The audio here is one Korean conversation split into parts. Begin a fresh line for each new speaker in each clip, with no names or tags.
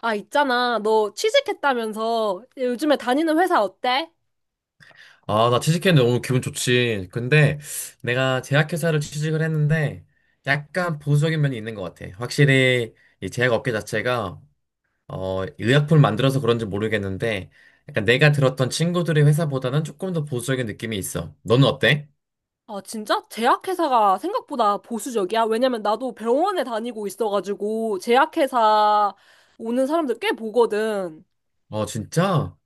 아, 있잖아. 너 취직했다면서 요즘에 다니는 회사 어때?
아, 나 취직했는데 너무 기분 좋지. 근데 내가 제약회사를 취직을 했는데 약간 보수적인 면이 있는 것 같아. 확실히 이 제약업계 자체가 의약품을 만들어서 그런지 모르겠는데 약간 내가 들었던 친구들의 회사보다는 조금 더 보수적인 느낌이 있어. 너는 어때?
아, 진짜? 제약회사가 생각보다 보수적이야? 왜냐면 나도 병원에 다니고 있어가지고 제약회사 오는 사람들 꽤 보거든.
어, 진짜?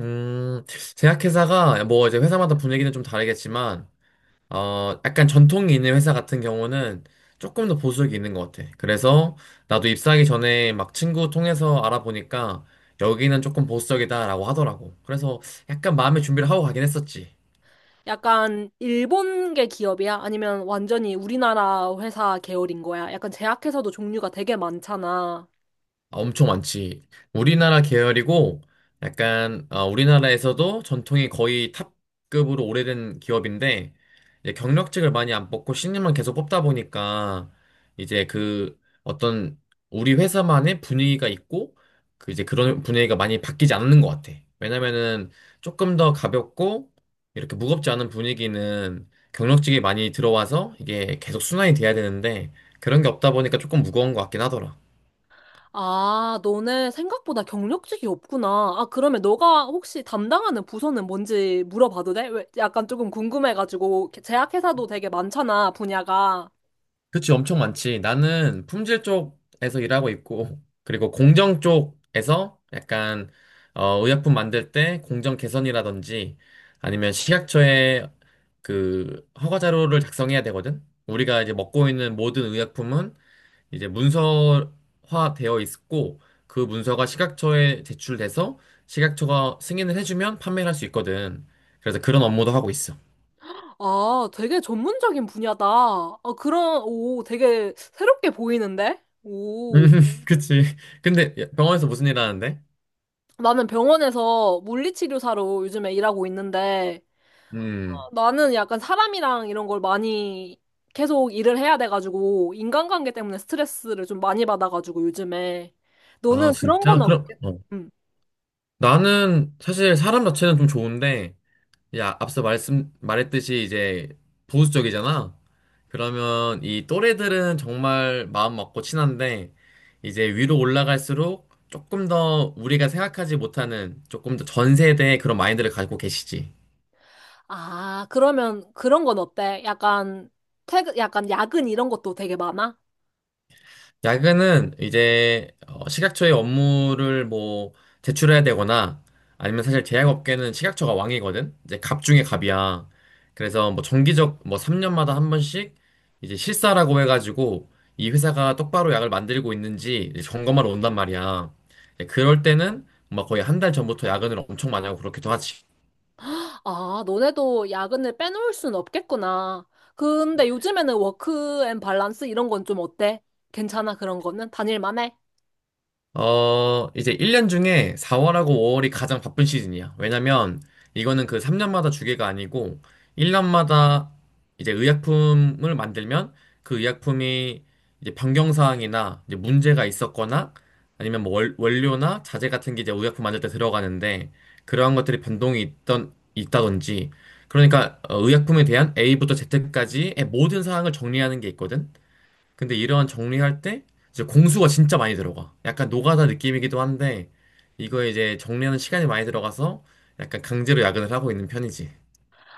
음, 제약회사가 뭐 이제 회사마다 분위기는 좀 다르겠지만 약간 전통이 있는 회사 같은 경우는 조금 더 보수적이 있는 것 같아. 그래서 나도 입사하기 전에 막 친구 통해서 알아보니까 여기는 조금 보수적이다라고 하더라고. 그래서 약간 마음의 준비를 하고 가긴 했었지.
약간 일본계 기업이야? 아니면 완전히 우리나라 회사 계열인 거야? 약간 제약회사도 종류가 되게 많잖아.
아, 엄청 많지. 우리나라 계열이고, 약간, 우리나라에서도 전통이 거의 탑급으로 오래된 기업인데, 이제 경력직을 많이 안 뽑고 신입만 계속 뽑다 보니까, 이제 그 어떤 우리 회사만의 분위기가 있고, 그 이제 그런 분위기가 많이 바뀌지 않는 것 같아. 왜냐면은 조금 더 가볍고, 이렇게 무겁지 않은 분위기는 경력직이 많이 들어와서 이게 계속 순환이 돼야 되는데, 그런 게 없다 보니까 조금 무거운 것 같긴 하더라.
아, 너네 생각보다 경력직이 없구나. 아, 그러면 너가 혹시 담당하는 부서는 뭔지 물어봐도 돼? 왜 약간 조금 궁금해가지고 제약회사도 되게 많잖아, 분야가.
그치, 엄청 많지. 나는 품질 쪽에서 일하고 있고, 그리고 공정 쪽에서 약간, 의약품 만들 때 공정 개선이라든지, 아니면 식약처에 그 허가 자료를 작성해야 되거든. 우리가 이제 먹고 있는 모든 의약품은 이제 문서화 되어 있고, 그 문서가 식약처에 제출돼서 식약처가 승인을 해주면 판매를 할 수 있거든. 그래서 그런 업무도 하고 있어.
아, 되게 전문적인 분야다. 아, 그런, 오, 되게 새롭게 보이는데?
음,
오.
그치. 근데 병원에서 무슨 일 하는데?
나는 병원에서 물리치료사로 요즘에 일하고 있는데,
음.
나는 약간 사람이랑 이런 걸 많이 계속 일을 해야 돼가지고, 인간관계 때문에 스트레스를 좀 많이 받아가지고, 요즘에.
아,
너는 그런 건
진짜? 그럼,
없겠,
어.
음.
나는 사실 사람 자체는 좀 좋은데, 야, 앞서 말했듯이 이제 보수적이잖아? 그러면 이 또래들은 정말 마음 맞고 친한데, 이제 위로 올라갈수록 조금 더 우리가 생각하지 못하는 조금 더 전 세대의 그런 마인드를 가지고 계시지.
아, 그러면 그런 건 어때? 약간, 퇴근, 약간 야근 이런 것도 되게 많아?
야근은 이제 식약처의 업무를 뭐 제출해야 되거나 아니면 사실 제약업계는 식약처가 왕이거든. 이제 갑 중에 갑이야. 그래서 뭐 정기적 뭐 3년마다 한 번씩 이제 실사라고 해가지고 이 회사가 똑바로 약을 만들고 있는지 이제 점검하러 온단 말이야. 이제 그럴 때는 막 거의 한 달 전부터 야근을 엄청 많이 하고 그렇기도 하지.
아, 너네도 야근을 빼놓을 순 없겠구나. 근데 요즘에는 워크 앤 밸런스 이런 건 좀 어때? 괜찮아, 그런 거는? 다닐만 해?
이제 1년 중에 4월하고 5월이 가장 바쁜 시즌이야. 왜냐면 이거는 그 3년마다 주계가 아니고 1년마다 이제 의약품을 만들면 그 의약품이 이제 변경사항이나 이제 문제가 있었거나 아니면 뭐 원료나 자재 같은 게 이제 의약품 만들 때 들어가는데 그러한 것들이 변동이 있던, 있다든지 그러니까 의약품에 대한 A부터 Z까지의 모든 사항을 정리하는 게 있거든. 근데 이러한 정리할 때 이제 공수가 진짜 많이 들어가. 약간 노가다 느낌이기도 한데 이거 이제 정리하는 시간이 많이 들어가서 약간 강제로 야근을 하고 있는 편이지.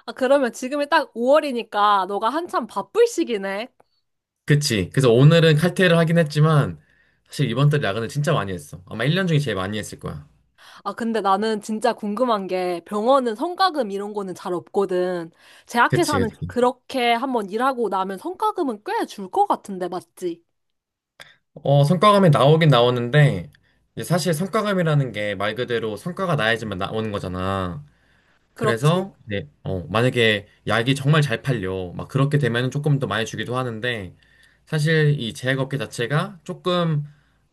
아, 그러면 지금이 딱 5월이니까 너가 한참 바쁠 시기네.
그치. 그래서 오늘은 칼퇴를 하긴 했지만 사실 이번 달 야근을 진짜 많이 했어. 아마 1년 중에 제일 많이 했을 거야.
아, 근데 나는 진짜 궁금한 게 병원은 성과금 이런 거는 잘 없거든.
그치,
제약회사는
그치.
그렇게 한번 일하고 나면 성과금은 꽤 줄 것 같은데, 맞지?
성과감이 나오긴 나오는데 이제 사실 성과감이라는 게 말 그대로 성과가 나야지만 나오는 거잖아.
그렇지.
그래서 네, 만약에 약이 정말 잘 팔려 막 그렇게 되면 조금 더 많이 주기도 하는데 사실 이 제약업계 자체가 조금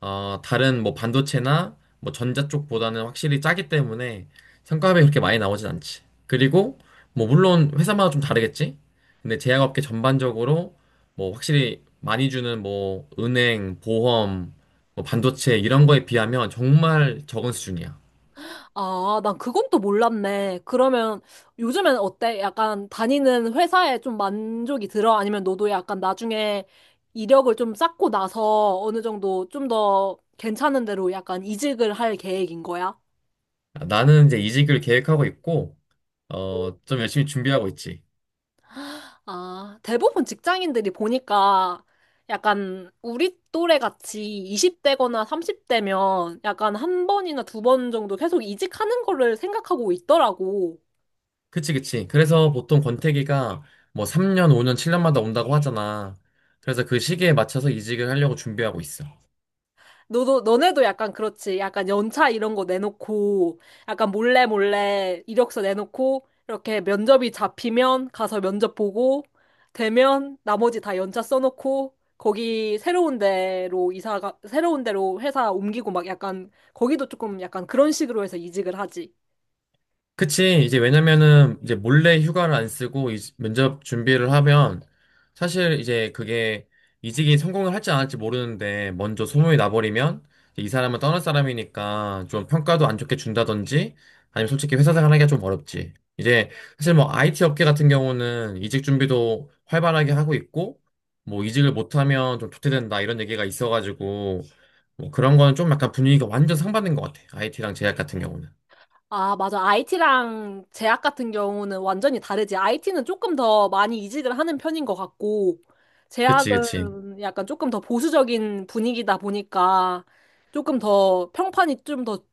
다른 뭐 반도체나 뭐 전자 쪽보다는 확실히 짜기 때문에 성과급이 그렇게 많이 나오진 않지. 그리고 뭐 물론 회사마다 좀 다르겠지. 근데 제약업계 전반적으로 뭐 확실히 많이 주는 뭐 은행, 보험, 뭐 반도체 이런 거에 비하면 정말 적은 수준이야.
아, 난 그건 또 몰랐네. 그러면 요즘엔 어때? 약간 다니는 회사에 좀 만족이 들어? 아니면 너도 약간 나중에 이력을 좀 쌓고 나서 어느 정도 좀 더 괜찮은 데로 약간 이직을 할 계획인 거야?
나는 이제 이직을 계획하고 있고. 좀 열심히 준비하고 있지.
아, 대부분 직장인들이 보니까 약간 우리 또래 같이 20대거나 30대면 약간 한 번이나 두 번 정도 계속 이직하는 거를 생각하고 있더라고.
그치, 그치. 그래서 보통 권태기가 뭐 3년, 5년, 7년마다 온다고 하잖아. 그래서 그 시기에 맞춰서 이직을 하려고 준비하고 있어.
너도, 너네도 약간 그렇지. 약간 연차 이런 거 내놓고, 약간 몰래 몰래 이력서 내놓고, 이렇게 면접이 잡히면 가서 면접 보고, 되면 나머지 다 연차 써놓고, 거기 새로운 데로 이사가, 새로운 데로 회사 옮기고 막 약간, 거기도 조금 약간 그런 식으로 해서 이직을 하지.
그치. 이제 왜냐면은 이제 몰래 휴가를 안 쓰고 면접 준비를 하면 사실 이제 그게 이직이 성공을 할지 안 할지 모르는데 먼저 소문이 나버리면 이 사람은 떠날 사람이니까 좀 평가도 안 좋게 준다든지 아니면 솔직히 회사 생활 하기가 좀 어렵지. 이제 사실 뭐 IT 업계 같은 경우는 이직 준비도 활발하게 하고 있고 뭐 이직을 못하면 좀 도태된다 이런 얘기가 있어가지고 뭐 그런 거는 좀 약간 분위기가 완전 상반된 것 같아. IT랑 제약 같은 경우는.
아, 맞아. IT랑 제약 같은 경우는 완전히 다르지. IT는 조금 더 많이 이직을 하는 편인 것 같고,
그치, 그치.
제약은 약간 조금 더 보수적인 분위기다 보니까 조금 더 평판이 좀 더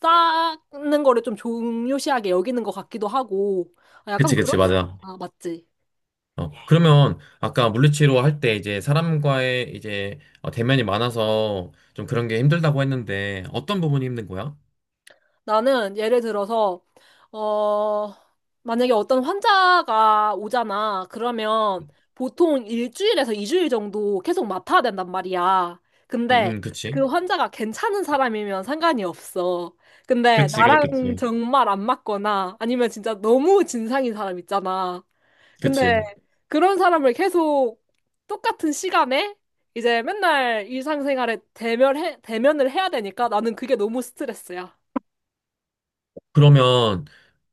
쌓는 거를 좀 중요시하게 여기는 것 같기도 하고, 아, 약간
그치,
그런,
그치, 맞아.
아, 맞지.
그러면 아까 물리치료 할 때 이제 사람과의 이제 대면이 많아서 좀 그런 게 힘들다고 했는데 어떤 부분이 힘든 거야?
나는 예를 들어서, 어, 만약에 어떤 환자가 오잖아. 그러면 보통 일주일에서 이주일 정도 계속 맡아야 된단 말이야. 근데
응, 그치.
그 환자가 괜찮은 사람이면 상관이 없어. 근데
그치,
나랑
그렇겠지.
정말 안 맞거나 아니면 진짜 너무 진상인 사람 있잖아. 근데
그치.
그런 사람을 계속 똑같은 시간에 이제 맨날 일상생활에 대면을 해야 되니까 나는 그게 너무 스트레스야.
그러면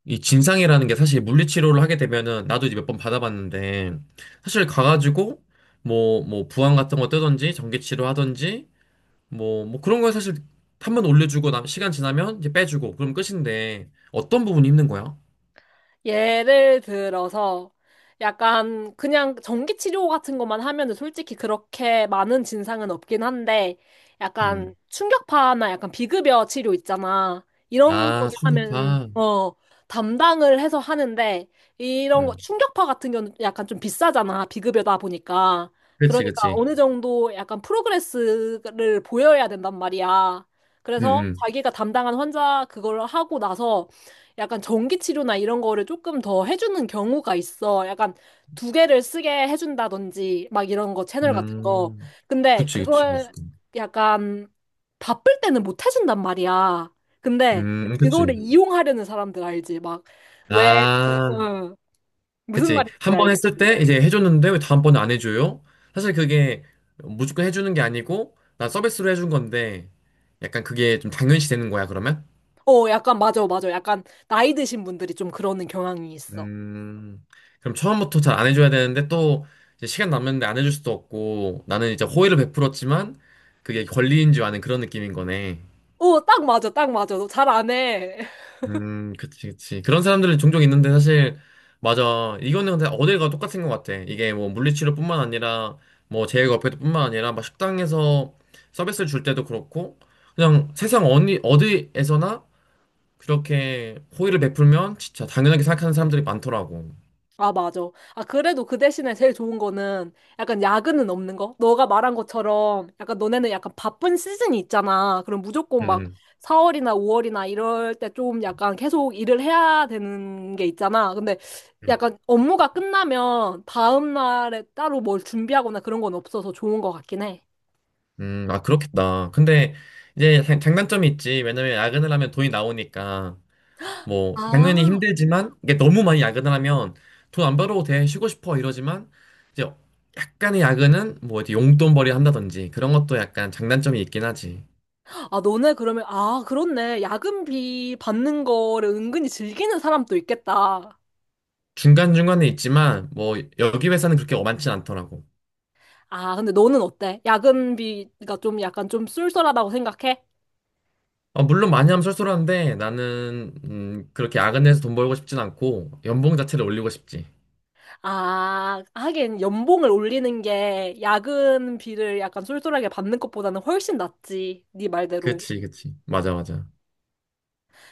이 진상이라는 게 사실 물리치료를 하게 되면은 나도 이제 몇 번 받아봤는데 사실 가가지고 뭐 부항 같은 거 뜨든지 전기치료 하든지 뭐 그런 거 사실 한번 올려주고 나 시간 지나면 이제 빼주고 그럼 끝인데 어떤 부분이 힘든 거야?
예를 들어서 약간 그냥 전기 치료 같은 것만 하면은 솔직히 그렇게 많은 진상은 없긴 한데 약간
음.
충격파나 약간 비급여 치료 있잖아. 이런
아,
거를 하면
충격파.
어 담당을 해서 하는데 이런 거
응.
충격파 같은 경우는 약간 좀 비싸잖아. 비급여다 보니까.
그치,
그러니까
그치.
어느 정도 약간 프로그레스를 보여야 된단 말이야. 그래서
응,
자기가 담당한 환자 그걸 하고 나서 약간 전기치료나 이런 거를 조금 더 해주는 경우가 있어. 약간 두 개를 쓰게 해준다든지 막 이런 거
응.
채널 같은 거.
음.
근데
그치, 그치,
그걸
무조건.
약간 바쁠 때는 못 해준단 말이야. 근데 그거를
그치.
이용하려는 사람들 알지? 막 왜,
아,
어, 무슨
그치.
말인지
한 번 했을
알겠지?
때 이제 해줬는데 왜 다음번에 안 해줘요? 사실 그게 무조건 해주는 게 아니고, 난 서비스로 해준 건데, 약간 그게 좀 당연시 되는 거야, 그러면?
어, 약간 맞아, 맞아. 약간 나이 드신 분들이 좀 그러는 경향이 있어.
음, 그럼 처음부터 잘 안 해줘야 되는데 또 이제 시간 남는데 안 해줄 수도 없고, 나는 이제 호의를 베풀었지만, 그게 권리인 줄 아는 그런 느낌인 거네.
어, 딱 맞아, 딱 맞아. 너 잘 안 해.
그치, 그치. 그런 사람들은 종종 있는데 사실, 맞아. 이거는 근데 어딜 가도 똑같은 것 같아. 이게 뭐 물리치료뿐만 아니라, 뭐 제일과페뿐만 아니라, 막 식당에서 서비스를 줄 때도 그렇고, 그냥 세상 어디, 어디에서나 그렇게 호의를 베풀면 진짜 당연하게 생각하는 사람들이 많더라고.
아, 맞아. 아, 그래도 그 대신에 제일 좋은 거는 약간 야근은 없는 거? 너가 말한 것처럼 약간 너네는 약간 바쁜 시즌이 있잖아. 그럼 무조건 막
음,
4월이나 5월이나 이럴 때 좀 약간 계속 일을 해야 되는 게 있잖아. 근데
음,
약간 업무가 끝나면 다음 날에 따로 뭘 준비하거나 그런 건 없어서 좋은 것 같긴 해.
아, 그렇겠다. 근데 이제 장단점이 있지. 왜냐면 야근을 하면 돈이 나오니까. 뭐 당연히
아,
힘들지만 이게 너무 많이 야근을 하면 돈 안 벌어도 돼 쉬고 싶어 이러지만 이제 약간의 야근은 뭐 이제 용돈벌이 한다든지 그런 것도 약간 장단점이 있긴 하지.
아, 너네 그러면, 아, 그렇네. 야근비 받는 거를 은근히 즐기는 사람도 있겠다.
중간중간에 있지만 뭐 여기 회사는 그렇게 많진 않더라고.
아, 근데 너는 어때? 야근비가 좀 약간 좀 쏠쏠하다고 생각해?
아, 물론 많이 하면 쏠쏠한데 나는 그렇게 야근해서 돈 벌고 싶진 않고 연봉 자체를 올리고 싶지.
아, 하긴 연봉을 올리는 게 야근비를 약간 쏠쏠하게 받는 것보다는 훨씬 낫지. 네 말대로.
그치, 그치, 맞아, 맞아.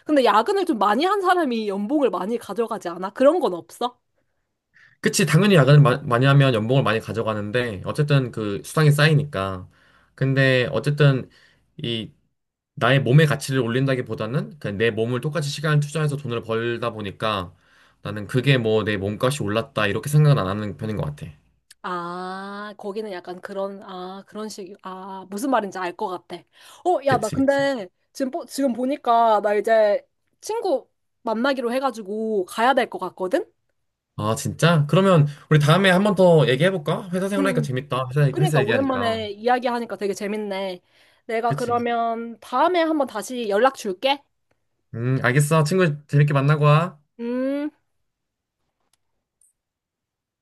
근데 야근을 좀 많이 한 사람이 연봉을 많이 가져가지 않아? 그런 건 없어?
그치, 당연히 야근을 많이 하면 연봉을 많이 가져가는데, 어쨌든 그 수당이 쌓이니까. 근데 어쨌든 이 나의 몸의 가치를 올린다기보다는 그냥 내 몸을 똑같이 시간을 투자해서 돈을 벌다 보니까 나는 그게 뭐 내 몸값이 올랐다 이렇게 생각은 안 하는 편인 것 같아.
아, 거기는 약간 그런, 아, 그런 식, 아, 무슨 말인지 알 것 같아. 어, 야, 나
그치, 그치.
근데 지금 보니까 나 이제 친구 만나기로 해가지고 가야 될 것 같거든?
아, 진짜? 그러면 우리 다음에 한번 더 얘기해볼까? 회사
응,
생활하니까
응.
재밌다. 회사,
그러니까
회사 얘기하니까.
오랜만에 이야기하니까 되게 재밌네. 내가
그치.
그러면 다음에 한번 다시 연락 줄게.
알겠어. 친구 재밌게 만나고 와.
음.